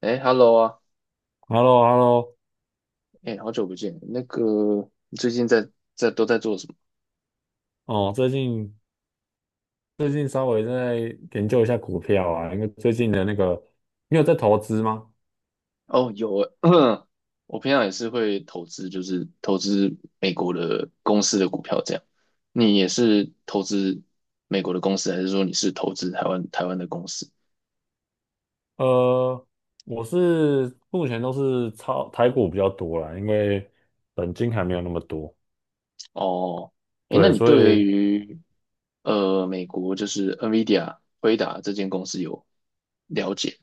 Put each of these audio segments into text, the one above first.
哎，Hello 啊，h e l l o h e l l o 哎，好久不见。那个，你最近在都在做什么？哦，最近稍微在研究一下股票啊，因为最近的那个，你有在投资吗？哦，有诶，我平常也是会投资，就是投资美国的公司的股票这样。你也是投资美国的公司，还是说你是投资台湾的公司？呃，我是目前都是炒台股比较多啦，因为本金还没有那么多，哦，哎，那对，你所对以于美国就是 NVIDIA 辉达这间公司有了解。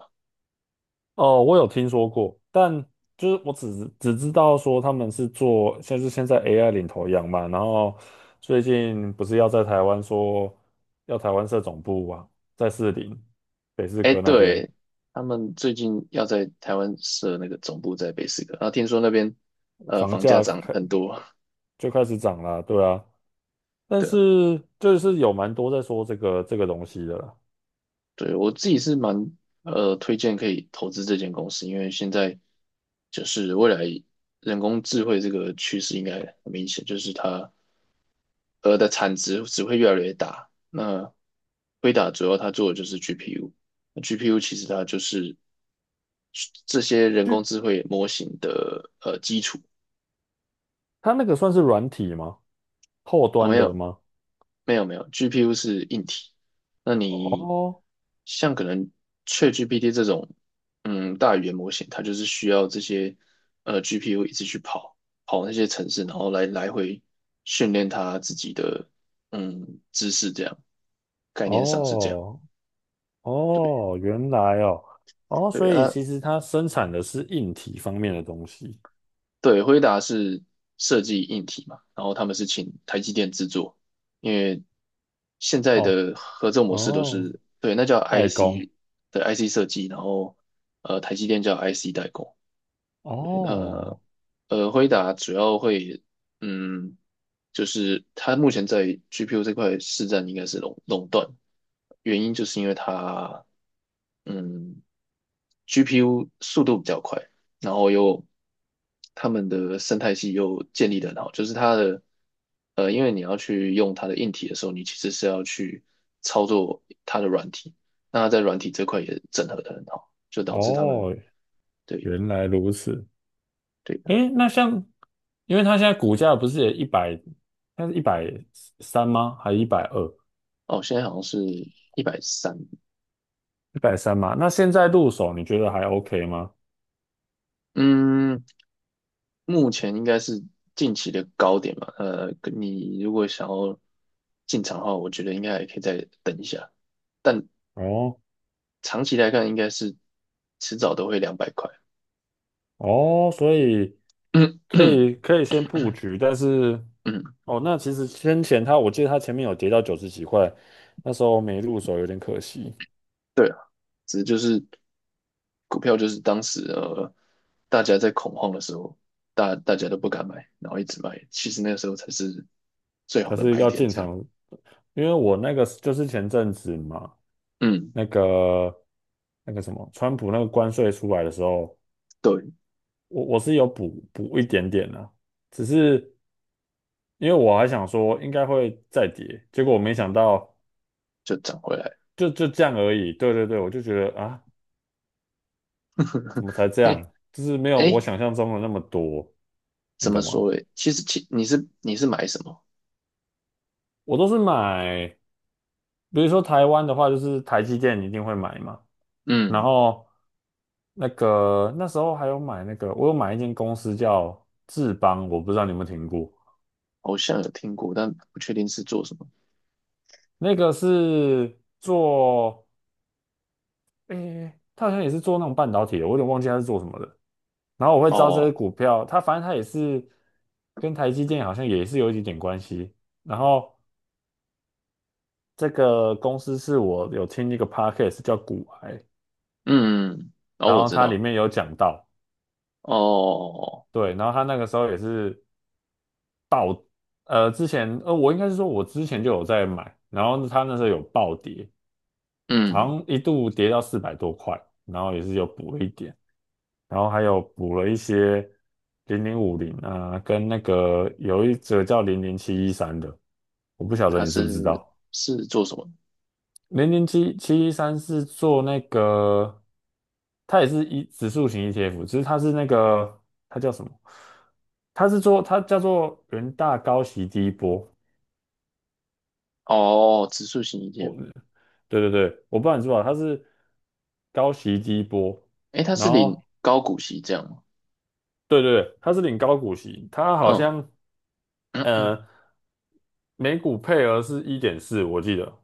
哦，我有听说过，但就是我只知道说他们是做，像是现在 AI 领头羊嘛，然后最近不是要在台湾说要台湾设总部啊，在士林北士哎，科那边。对，他们最近要在台湾设那个总部在北斯科，然后听说那边房房价价涨开很多，就开始涨啦，对啊，但对啊，是就是有蛮多在说这个东西的啦。对我自己是蛮推荐可以投资这间公司，因为现在就是未来人工智慧这个趋势应该很明显，就是它的产值只会越来越大。那辉达主要它做的就是 GPU，那 GPU 其实它就是这些人工就智慧模型的基础。它那个算是软体吗？后哦，端没的有吗？没有没有，GPU 是硬体。那你哦像可能 ChatGPT 这种，大语言模型，它就是需要这些GPU 一直去跑那些程式，然后来回训练它自己的知识，这样概念上是这样。哦对哦，原来哦哦，对所以啊，其实它生产的是硬体方面的东西。对，辉达是设计硬体嘛，然后他们是请台积电制作，因为现在哦的合作模式都哦，是，对，那叫 代工。IC 的 IC 设计，然后台积电叫 IC 代工，呃哦辉达主要会，嗯，就是它目前在 GPU 这块市占应该是垄断，原因就是因为它，嗯，GPU 速度比较快，然后又他们的生态系又建立的很好，就是它的，因为你要去用它的硬体的时候，你其实是要去操作它的软体，那它在软体这块也整合的很好，就导致他们哦，对。原来如此。对诶，那像，因为它现在股价不是也一百，它是一百三吗？还是120？哦，现在好像是130，一百三嘛，那现在入手你觉得还 OK 吗？嗯，目前应该是近期的高点吧。你如果想要进场的话，我觉得应该还可以再等一下，但哦长期来看，应该是迟早都会200块。哦，所以 可嗯以可以先布局，但是嗯，哦，那其实先前他，我记得他前面有跌到九十几块，那时候没入手有点可惜。对啊，只是就是股票就是当时大家在恐慌的时候，大家都不敢买，然后一直卖，其实那个时候才是最好可的是买要点，进这样。场，因为我那个就是前阵子嘛，嗯，那个那个什么，川普那个关税出来的时候，对，我是有补一点点啦、只是因为我还想说应该会再跌，结果我没想到就涨回来。就这样而已。对对对，我就觉得啊，怎么才这嘿，样？就是没有哎，我想象中的那么多，你怎么懂说吗？诶？其实你是买什么？我都是买，比如说台湾的话，就是台积电一定会买嘛。然嗯，后那时候还有买那个，我有买一间公司叫智邦，我不知道你有没有听过。好像有听过，但不确定是做什么。那个是做，诶、他好像也是做那种半导体的，我有点忘记他是做什么的。然后我会知道这只哦，股票，它反正它也是跟台积电好像也是有一点点关系。然后这个公司是我有听一个 podcast 叫股癌，嗯，哦，然我后知它里道。面有讲到，哦，对，然后他那个时候也是，之前，我应该是说我之前就有在买，然后他那时候有暴跌，好嗯，像一度跌到四百多块，然后也是有补一点。然后还有补了一些零零五零啊，跟那个有一则叫零零七一三的，我不晓得它你知不知是道。是做什么？零零七七一三是做那个，它也是一指数型 ETF，只是它是那个它叫什么？它是做它叫做元大高息低波。哦，指数型 ETF。哦，对对对，我不知道你知不知道，它是高息低波，诶，它然是领后高股息这样吗？对对对，它是领高股息，它好嗯，像。呃。每股配额是一点四，我记得。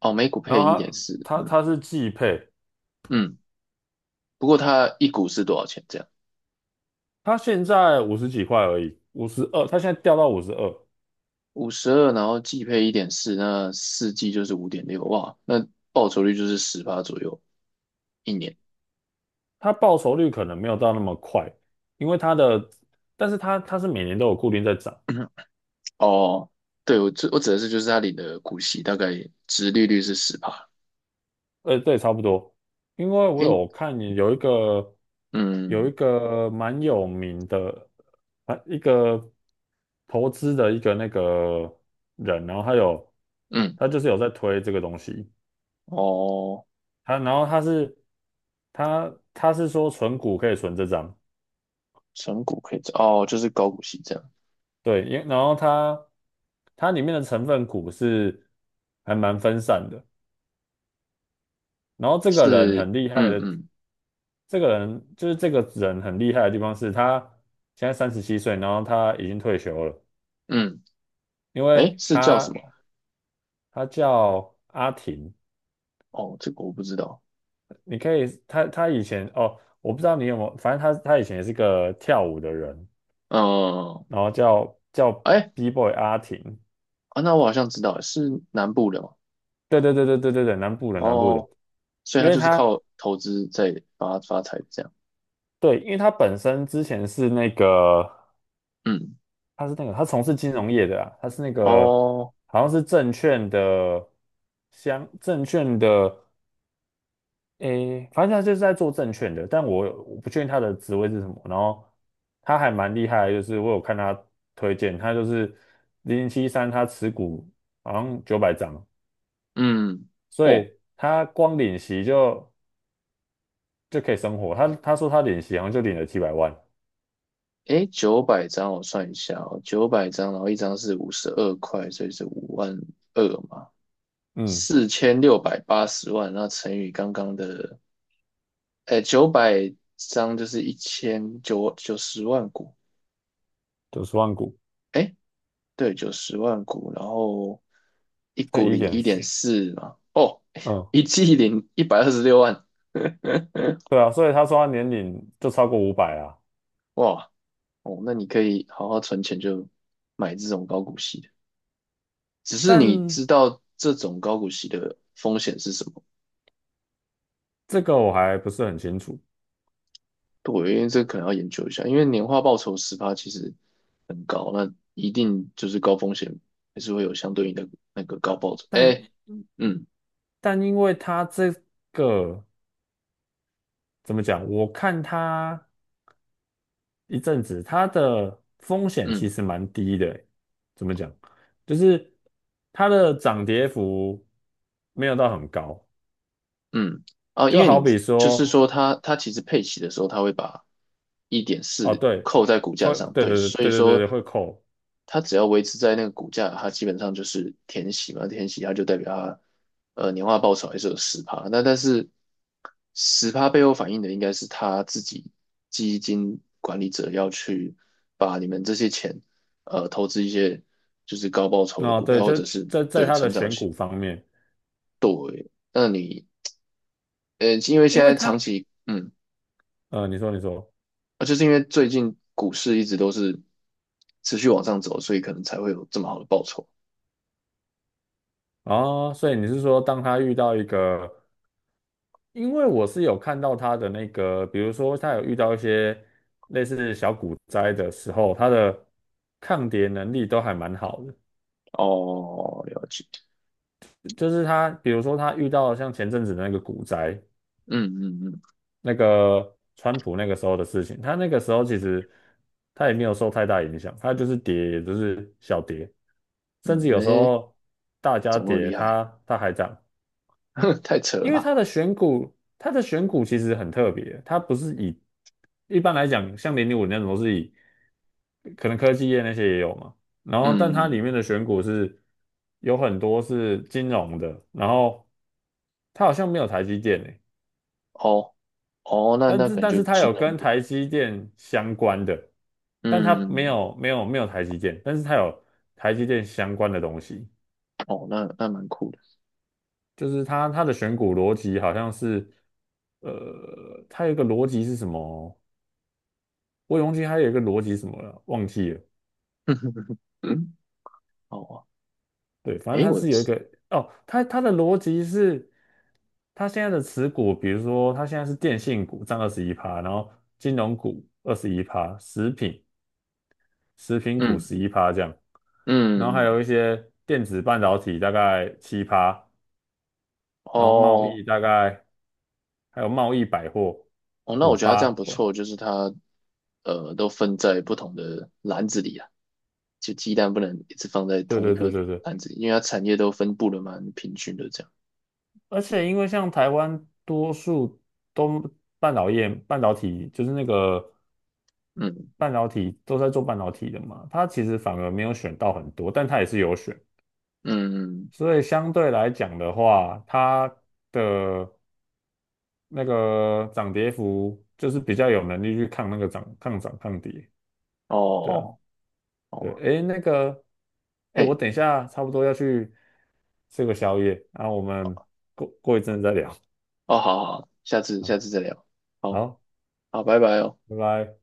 哦，每股然配后一点四。它它嗯它是季配，嗯，不过它一股是多少钱？这样它现在五十几块而已，五十二，它现在掉到五十二，五十二，五十二然后季配一点四，那四季就是5.6。哇，那报酬率就是18左右一年。它报酬率可能没有到那么快，因为它的，但是它是每年都有固定在涨，哦，对，我指的是就是他领的股息大概殖利率是十趴。对，差不多。因为我诶，有看有一个嗯蛮有名的啊一个投资的一个那个人，然后嗯，他就是有在推这个东西。哦，他然后他是他他是说存股可以存这张，存股可以这哦，就是高股息这样，对，然后他他里面的成分股是还蛮分散的。然后这个人是，很厉害嗯的，嗯这个人就是这个人很厉害的地方是他现在37岁，然后他已经退休了，嗯，因诶，为是叫什么？他叫阿婷，哦，这个我不知道。你可以他他以前哦，我不知道你有没有，反正他以前也是个跳舞的人，嗯，然后叫 诶，B-boy 阿婷，啊，那我好像知道，是南部的嘛。对对对对对对对，南部的南部的，哦，所以因他为就是他靠投资在发财这样。对，因为他本身之前是那个，嗯，他是那个，他从事金融业的啊，他是那个哦，好像是证券的证券的，诶，反正他就是在做证券的，但我不确定他的职位是什么，然后他还蛮厉害的就是我有看他推荐，他就是零零七三，他持股好像900张。嗯。所哦，以他光领息就可以生活。他说他领息好像就领了几百万，诶，九百张我算一下哦，九百张，然后一张是52块，所以是52,000嘛，嗯，4,680万，那乘以刚刚的，诶，九百张就是一千九九十万股，90万股，诶，对，九十万股，然后一现在股一领点一点四，四嘛，哦，嗯，一季领126万，对啊，所以他说他年龄就超过五百啊，哇，哦，那你可以好好存钱就买这种高股息的，只是你但知道这种高股息的风险是什么？这个我还不是很清楚，对，因为这可能要研究一下，因为年化报酬十趴其实很高，那一定就是高风险，还是会有相对应的那个高报酬。哎，但嗯但因为他这个怎么讲，我看他一阵子，他的风险其嗯实蛮低的欸怎么讲，就是它的涨跌幅没有到很高，嗯，啊，因就为好你比就是说，说它其实配齐的时候，它会把一点哦，四对，扣在股价会，上，对对对，对所以对对对说对，会扣。它只要维持在那个股价，它基本上就是填息嘛，填息它就代表它年化报酬还是有十趴。那但是十趴背后反映的应该是他自己基金管理者要去把你们这些钱投资一些就是高报酬的哦，股对，票或就者是在对它的成长选型。股方面，那你因为因现为在长他，期。你说，啊，就是因为最近股市一直都是持续往上走，所以可能才会有这么好的报酬。哦，所以你是说，当他遇到一个，因为我是有看到他的那个，比如说他有遇到一些类似小股灾的时候，他的抗跌能力都还蛮好的。哦，了解。就是他，比如说他遇到像前阵子的那个股灾，嗯嗯嗯。那个川普那个时候的事情，他那个时候其实他也没有受太大影响，他就是跌，也就是小跌，甚嗯，至有时诶，候大家怎么那么跌，厉害？他还涨。太扯了因为吧？它的选股，它的选股其实很特别，它不是以一般来讲，像零零五那种都是以可能科技业那些也有嘛，然后但它里嗯，面的选股是有很多是金融的，然后它好像没有台积电诶，哦，哦，那但那是感但觉是它金有融跟业，台积电相关的，但它没嗯，有没有没有台积电，但是它有台积电相关的东西。哦，那蛮酷的，就是它的选股逻辑好像是，它有一个逻辑是什么？我也忘记它有一个逻辑是什么了，忘记了。嗯，哦，对，反正诶，它我，是有一个哦，它的逻辑是，它现在的持股，比如说它现在是电信股占二十一趴，然后金融股二十一趴，食品股嗯十一趴这样，然后还嗯，有一些电子半导体大概7%，然后贸哦易大概还有贸易百货哦，那五我觉得他这趴，样不错，就是他，都分在不同的篮子里啊，就鸡蛋不能一直放在对同一对颗对对对。篮子里，因为它产业都分布的蛮平均的，这样，而且因为像台湾多数都半导体，就是那个嗯半导体都在做半导体的嘛，它其实反而没有选到很多，但它也是有选，嗯，嗯所以相对来讲的话，它的那个涨跌幅就是比较有能力去抗那个涨、抗跌，哦对啊，哦对，哦，诶，那个，诶，我嘿。等一下差不多要去吃个宵夜，那我们过一阵再聊，哦，好好，好下次好，下次再聊，好好好，拜拜哦。拜拜。